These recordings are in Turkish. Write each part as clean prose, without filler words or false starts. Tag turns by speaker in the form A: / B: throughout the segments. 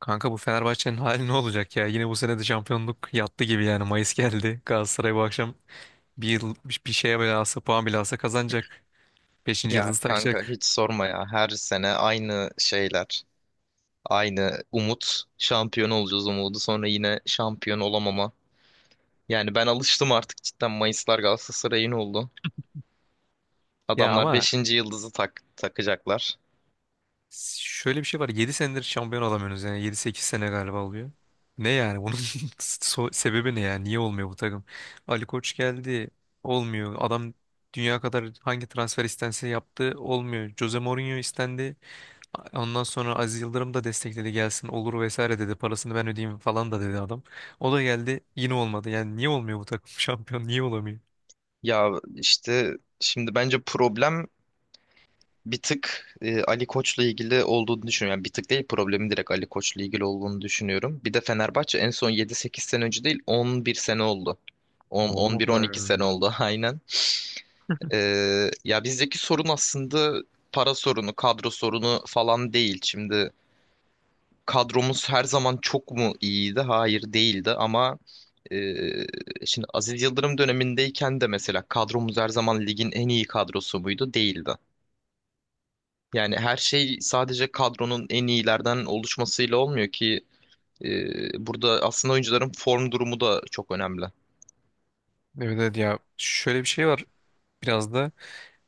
A: Kanka bu Fenerbahçe'nin hali ne olacak ya? Yine bu sene de şampiyonluk yattı gibi yani. Mayıs geldi. Galatasaray bu akşam bir yıl bir şeye bile alsa puan bile alsa kazanacak. Beşinci
B: Ya
A: yıldızı
B: kanka
A: takacak.
B: hiç sorma ya. Her sene aynı şeyler. Aynı umut. Şampiyon olacağız umudu. Sonra yine şampiyon olamama. Yani ben alıştım artık cidden. Mayıslar Galatasaray'ın oldu.
A: Ya
B: Adamlar
A: ama
B: beşinci yıldızı takacaklar.
A: şöyle bir şey var. Yedi senedir şampiyon olamıyorsunuz yani. Yedi sekiz sene galiba oluyor. Ne yani? Bunun sebebi ne yani? Niye olmuyor bu takım? Ali Koç geldi. Olmuyor. Adam dünya kadar hangi transfer istense yaptı. Olmuyor. Jose Mourinho istendi. Ondan sonra Aziz Yıldırım da destekledi gelsin olur vesaire dedi. Parasını ben ödeyeyim falan da dedi adam. O da geldi yine olmadı. Yani niye olmuyor bu takım şampiyon? Niye olamıyor?
B: Ya işte şimdi bence problem bir tık Ali Koç'la ilgili olduğunu düşünüyorum. Yani bir tık değil, problemi direkt Ali Koç'la ilgili olduğunu düşünüyorum. Bir de Fenerbahçe en son yedi sekiz sene önce değil, 11 sene oldu. on
A: Ne oldu mu?
B: on
A: O
B: bir on
A: kadar
B: iki sene
A: be.
B: oldu, aynen. Ya bizdeki sorun aslında para sorunu, kadro sorunu falan değil. Şimdi kadromuz her zaman çok mu iyiydi? Hayır, değildi ama e, şimdi Aziz Yıldırım dönemindeyken de mesela kadromuz her zaman ligin en iyi kadrosu muydu? Değildi. Yani her şey sadece kadronun en iyilerden oluşmasıyla olmuyor ki, burada aslında oyuncuların form durumu da çok önemli.
A: Evet, evet ya şöyle bir şey var biraz da.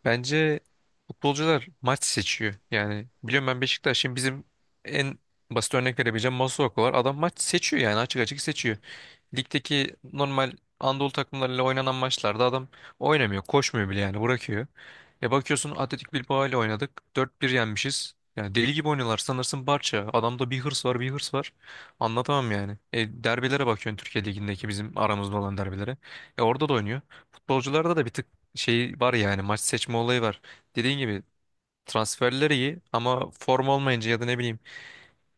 A: Bence futbolcular maç seçiyor. Yani biliyorum ben Beşiktaş'ın bizim en basit örnek verebileceğim Masuaku var. Adam maç seçiyor yani açık açık seçiyor. Ligdeki normal Anadolu takımlarıyla oynanan maçlarda adam oynamıyor, koşmuyor bile yani bırakıyor. E bakıyorsun Atletik Bilbao ile oynadık. Dört 1 yenmişiz. Yani deli gibi oynuyorlar. Sanırsın Barça. Adamda bir hırs var, bir hırs var. Anlatamam yani. E derbilere bakıyorsun Türkiye Ligi'ndeki bizim aramızda olan derbilere. E orada da oynuyor. Futbolcularda da bir tık şey var ya yani maç seçme olayı var. Dediğin gibi transferleri iyi ama form olmayınca ya da ne bileyim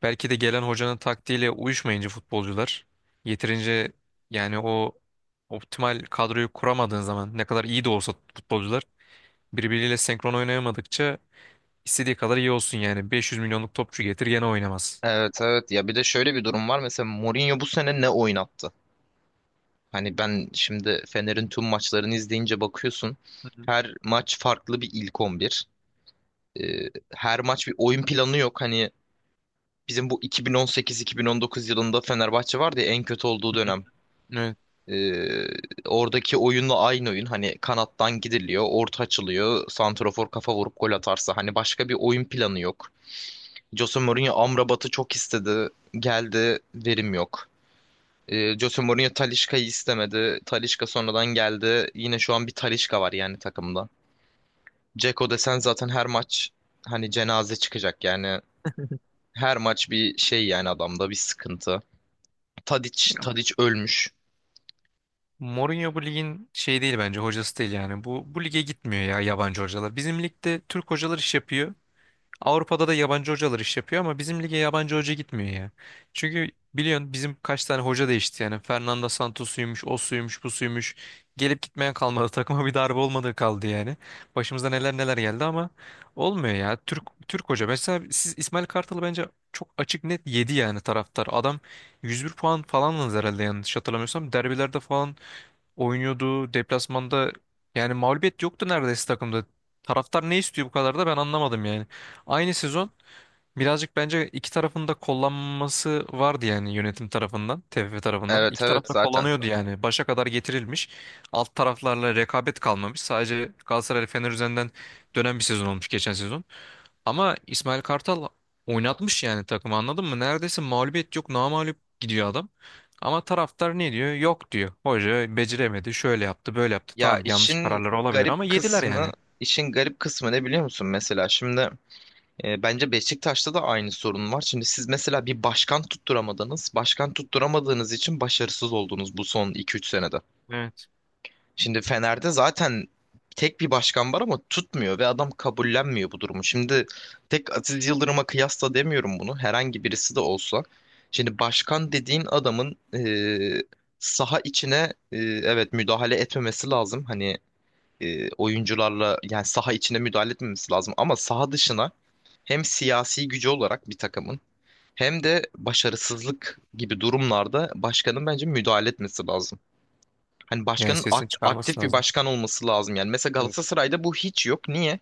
A: belki de gelen hocanın taktiğiyle uyuşmayınca futbolcular yeterince yani o optimal kadroyu kuramadığın zaman ne kadar iyi de olsa futbolcular birbiriyle senkron oynayamadıkça istediği kadar iyi olsun yani 500 milyonluk topçu getir gene oynamaz.
B: Evet evet, ya bir de şöyle bir durum var. Mesela Mourinho bu sene ne oynattı? Hani ben şimdi Fener'in tüm maçlarını izleyince bakıyorsun.
A: Hı hı.
B: Her maç farklı bir ilk 11. Ee, Her maç bir oyun planı yok. Hani bizim bu 2018-2019 yılında Fenerbahçe vardı ya, en kötü olduğu
A: Hı hı.
B: dönem.
A: Evet.
B: Ee, Oradaki oyunla aynı oyun. Hani kanattan gidiliyor, orta açılıyor, santrafor kafa vurup gol atarsa. Hani başka bir oyun planı yok. Jose Mourinho Amrabat'ı çok istedi. Geldi, verim yok. Jose Mourinho Talisca'yı istemedi. Talisca sonradan geldi. Yine şu an bir Talisca var yani takımda. Dzeko desen zaten her maç hani cenaze çıkacak yani. Her maç bir şey, yani adamda bir sıkıntı. Tadic,
A: Ya,
B: Tadic ölmüş.
A: Mourinho bu ligin şey değil bence hocası değil yani. Bu lige gitmiyor ya yabancı hocalar. Bizim ligde Türk hocalar iş yapıyor. Avrupa'da da yabancı hocalar iş yapıyor ama bizim lige yabancı hoca gitmiyor ya. Çünkü biliyorsun bizim kaç tane hoca değişti yani. Fernando Santos'uymuş, o suymuş, bu suymuş. Gelip gitmeyen kalmadı. Takıma bir darbe olmadığı kaldı yani. Başımıza neler neler geldi ama olmuyor ya. Türk hoca. Mesela siz İsmail Kartal'ı bence çok açık net yedi yani taraftar. Adam 101 puan falan aldı herhalde yanlış hatırlamıyorsam. Derbilerde falan oynuyordu. Deplasmanda yani mağlubiyet yoktu neredeyse takımda. Taraftar ne istiyor bu kadar da ben anlamadım yani. Aynı sezon birazcık bence iki tarafın da kullanması vardı yani yönetim tarafından, TFF tarafından.
B: Evet
A: İki
B: evet,
A: taraf da
B: zaten.
A: kullanıyordu yani. Başa kadar getirilmiş. Alt taraflarla rekabet kalmamış. Sadece Galatasaray Fener üzerinden dönen bir sezon olmuş geçen sezon. Ama İsmail Kartal oynatmış yani takımı anladın mı? Neredeyse mağlubiyet yok, namağlup gidiyor adam. Ama taraftar ne diyor? Yok diyor. Hoca beceremedi, şöyle yaptı, böyle yaptı.
B: Ya
A: Tamam yanlış
B: işin
A: kararlar olabilir ama
B: garip
A: yediler
B: kısmı,
A: yani.
B: işin garip kısmı ne biliyor musun mesela? Şimdi bence Beşiktaş'ta da aynı sorun var. Şimdi siz mesela bir başkan tutturamadınız. Başkan tutturamadığınız için başarısız oldunuz bu son iki üç senede.
A: Evet.
B: Şimdi Fener'de zaten tek bir başkan var ama tutmuyor ve adam kabullenmiyor bu durumu. Şimdi tek Aziz Yıldırım'a kıyasla demiyorum bunu. Herhangi birisi de olsa. Şimdi başkan dediğin adamın saha içine evet, müdahale etmemesi lazım. Hani oyuncularla yani saha içine müdahale etmemesi lazım ama saha dışına hem siyasi gücü olarak bir takımın, hem de başarısızlık gibi durumlarda başkanın bence müdahale etmesi lazım. Hani
A: Yani
B: başkanın
A: sesini çıkarması
B: aktif bir
A: lazım.
B: başkan olması lazım yani. Mesela
A: Evet.
B: Galatasaray'da bu hiç yok. Niye?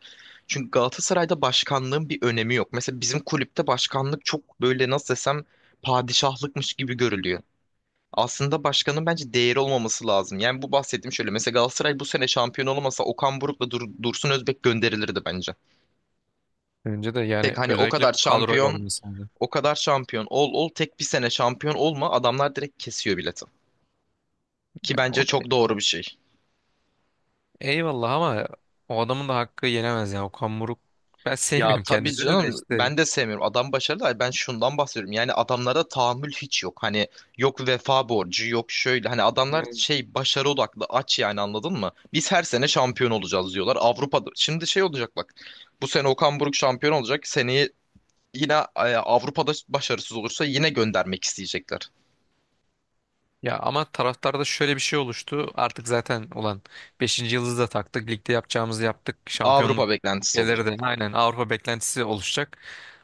B: Çünkü Galatasaray'da başkanlığın bir önemi yok. Mesela bizim kulüpte başkanlık çok böyle, nasıl desem, padişahlıkmış gibi görülüyor. Aslında başkanın bence değeri olmaması lazım. Yani bu bahsettiğim şöyle. Mesela Galatasaray bu sene şampiyon olamasa, Okan Buruk'la Dursun Özbek gönderilirdi bence.
A: Önce de yani
B: Tek hani o kadar
A: özellikle bu kadroyla olan
B: şampiyon,
A: insandı.
B: o kadar şampiyon ol ol, tek bir sene şampiyon olma, adamlar direkt kesiyor bileti. Ki
A: Ya o
B: bence
A: da
B: çok doğru bir şey.
A: eyvallah ama o adamın da hakkı yenemez ya. Okan Buruk ben
B: Ya
A: sevmiyorum
B: tabii
A: kendisini de
B: canım,
A: işte.
B: ben de sevmiyorum. Adam başarılı. Ay, ben şundan bahsediyorum. Yani adamlara tahammül hiç yok. Hani yok vefa borcu, yok şöyle. Hani adamlar şey başarı odaklı, aç yani, anladın mı? Biz her sene şampiyon olacağız diyorlar. Avrupa'da. Şimdi şey olacak bak. Bu sene Okan Buruk şampiyon olacak. Seneye yine Avrupa'da başarısız olursa yine göndermek isteyecekler.
A: Ya ama taraftarda şöyle bir şey oluştu. Artık zaten olan beşinci yıldızı da taktık. Ligde yapacağımızı yaptık.
B: Avrupa
A: Şampiyonluk
B: beklentisi
A: gelir
B: olacak.
A: de aynen Avrupa beklentisi oluşacak.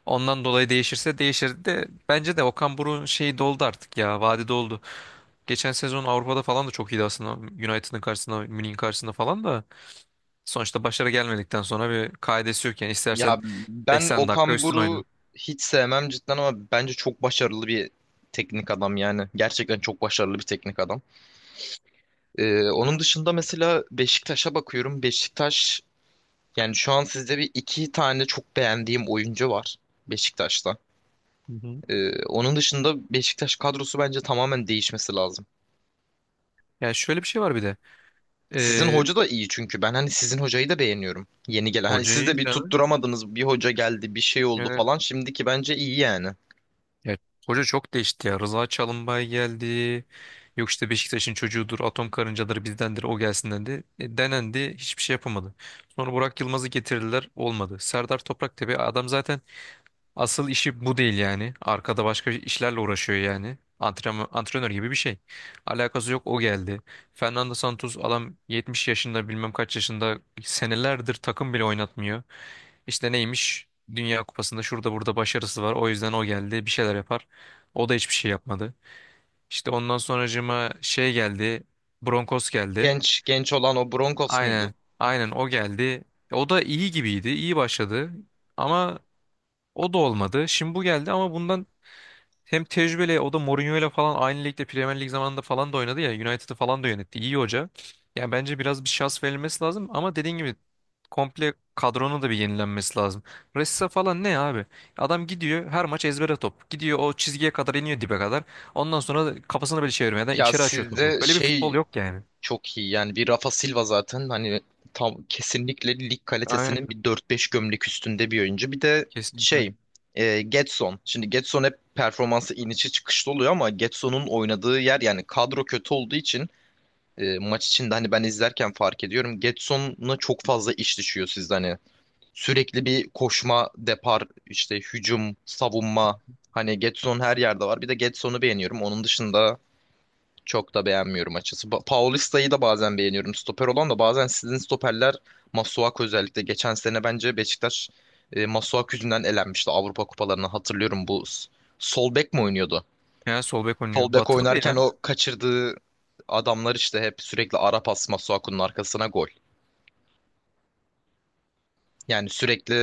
A: Ondan dolayı değişirse değişir de bence de Okan Buruk'un şeyi doldu artık ya. Vadi doldu. Geçen sezon Avrupa'da falan da çok iyiydi aslında. United'ın karşısında, Münih'in karşısında falan da sonuçta başarı gelmedikten sonra bir kaidesi yok yani. İstersen
B: Ya ben
A: 80 dakika
B: Okan
A: üstün oyna.
B: Buruk'u hiç sevmem cidden ama bence çok başarılı bir teknik adam yani. Gerçekten çok başarılı bir teknik adam. Onun dışında mesela Beşiktaş'a bakıyorum. Beşiktaş yani şu an sizde bir iki tane çok beğendiğim oyuncu var Beşiktaş'ta.
A: Hı hı.
B: Onun dışında Beşiktaş kadrosu bence tamamen değişmesi lazım.
A: Yani şöyle bir şey var bir de.
B: Sizin
A: Ee,
B: hoca da iyi çünkü ben hani sizin hocayı da beğeniyorum. Yeni gelen, hani siz
A: hocayı
B: de bir tutturamadınız, bir hoca geldi bir şey oldu
A: yani
B: falan, şimdiki bence iyi yani.
A: ya, hoca çok değişti ya. Rıza Çalımbay geldi. Yok işte Beşiktaş'ın çocuğudur, atom karıncaları bizdendir, o gelsin dendi. Denendi, hiçbir şey yapamadı. Sonra Burak Yılmaz'ı getirdiler, olmadı. Serdar Topraktepe adam zaten asıl işi bu değil yani. Arkada başka işlerle uğraşıyor yani. Antrenman, antrenör gibi bir şey. Alakası yok o geldi. Fernando Santos adam 70 yaşında bilmem kaç yaşında senelerdir takım bile oynatmıyor. İşte neymiş? Dünya Kupası'nda şurada burada başarısı var. O yüzden o geldi. Bir şeyler yapar. O da hiçbir şey yapmadı. İşte ondan sonracığıma şey geldi. Broncos geldi.
B: Genç genç olan o Broncos muydu?
A: Aynen. Aynen o geldi. O da iyi gibiydi. İyi başladı. Ama o da olmadı. Şimdi bu geldi ama bundan hem tecrübeli o da Mourinho'yla falan aynı ligde Premier Lig zamanında falan da oynadı ya. United'ı falan da yönetti. İyi hoca. Yani bence biraz bir şans verilmesi lazım ama dediğin gibi komple kadronun da bir yenilenmesi lazım. Ressa falan ne abi? Adam gidiyor her maç ezbere top. Gidiyor o çizgiye kadar iniyor dibe kadar. Ondan sonra da kafasını böyle çevirmeden
B: Ya
A: içeri açıyor topu.
B: sizde
A: Böyle bir futbol
B: şey,
A: yok yani.
B: çok iyi yani bir Rafa Silva zaten, hani tam kesinlikle lig kalitesinin
A: Aynen.
B: bir dört beş gömlek üstünde bir oyuncu. Bir de
A: Kesinlikle.
B: şey, Gedson. Şimdi Gedson hep performansı inişi çıkışlı oluyor ama Gedson'un oynadığı yer, yani kadro kötü olduğu için maç içinde hani ben izlerken fark ediyorum, Gedson'a çok fazla iş düşüyor sizde. Hani sürekli bir koşma, depar, işte hücum, savunma, hani Gedson her yerde var. Bir de Gedson'u beğeniyorum. Onun dışında çok da beğenmiyorum açısı. Paulista'yı da bazen beğeniyorum. Stoper olan da, bazen sizin stoperler, Masuaku özellikle. Geçen sene bence Beşiktaş Masuaku yüzünden elenmişti Avrupa kupalarını. Hatırlıyorum, bu sol bek mi oynuyordu?
A: Yani sol bek
B: Sol
A: oynuyor.
B: bek
A: Batırdı
B: oynarken
A: ya.
B: o kaçırdığı adamlar işte, hep sürekli ara pas Masuaku'nun arkasına gol. Yani sürekli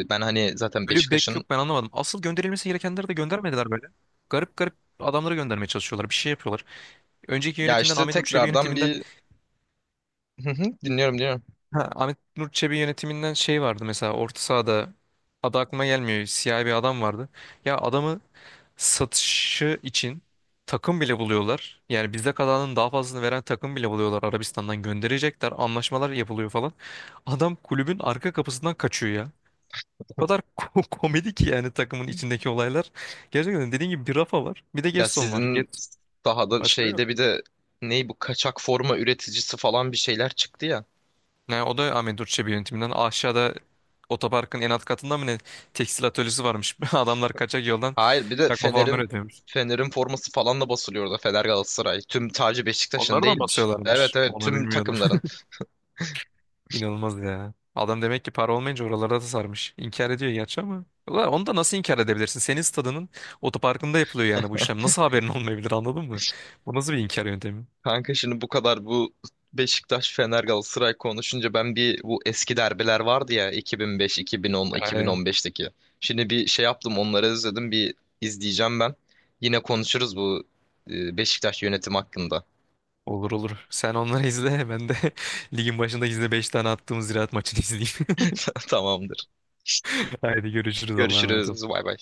B: ben hani zaten
A: Böyle bir bek
B: Beşiktaş'ın,
A: yok ben anlamadım. Asıl gönderilmesi gerekenleri de göndermediler böyle. Garip garip adamları göndermeye çalışıyorlar. Bir şey yapıyorlar. Önceki
B: ya
A: yönetimden
B: işte
A: Ahmet Nur Çebi
B: tekrardan
A: yönetiminden
B: bir. Hı hı, dinliyorum dinliyorum.
A: ha, Ahmet Nur Çebi yönetiminden şey vardı mesela orta sahada adı aklıma gelmiyor. Siyah bir adam vardı. Ya adamı satışı için takım bile buluyorlar. Yani bizde kalanın daha fazlasını veren takım bile buluyorlar. Arabistan'dan gönderecekler. Anlaşmalar yapılıyor falan. Adam kulübün arka kapısından kaçıyor ya. O kadar komedi ki yani takımın içindeki olaylar. Gerçekten dediğim gibi bir Rafa var. Bir de
B: Ya
A: Gedson var.
B: sizin
A: Get
B: sahada
A: başka yok.
B: şeyde bir de, ney, bu kaçak forma üreticisi falan bir şeyler çıktı ya.
A: Ne o da Ahmet Durçebi yönetiminden. Aşağıda otoparkın en alt katında mı ne tekstil atölyesi varmış. Adamlar kaçak yoldan
B: Hayır, bir de
A: çakma forma
B: Fener'in
A: üretiyormuş.
B: Forması falan da basılıyordu. Fener, Galatasaray. Tüm tacı Beşiktaş'ın
A: Onları da mı
B: değilmiş.
A: basıyorlarmış?
B: Evet evet,
A: Onu
B: tüm
A: bilmiyordum.
B: takımların.
A: İnanılmaz ya. Adam demek ki para olmayınca oralarda da sarmış. İnkar ediyor gerçi ama. Ulan onu da nasıl inkar edebilirsin? Senin stadının otoparkında yapılıyor yani bu işlem. Nasıl haberin olmayabilir anladın mı? Bu nasıl bir inkar yöntemi?
B: Kanka şimdi bu kadar bu Beşiktaş, Fener, Galatasaray konuşunca, ben bir bu eski derbiler vardı ya, 2005, 2010,
A: Yani
B: 2015'teki. Şimdi bir şey yaptım, onları izledim bir, izleyeceğim ben. Yine konuşuruz bu Beşiktaş yönetim hakkında.
A: olur olur. Sen onları izle. Ben de ligin başında izle 5 tane attığımız ziraat maçını izleyeyim.
B: Tamam.
A: Haydi görüşürüz. Allah'a emanet
B: Görüşürüz.
A: ol.
B: Bay bay.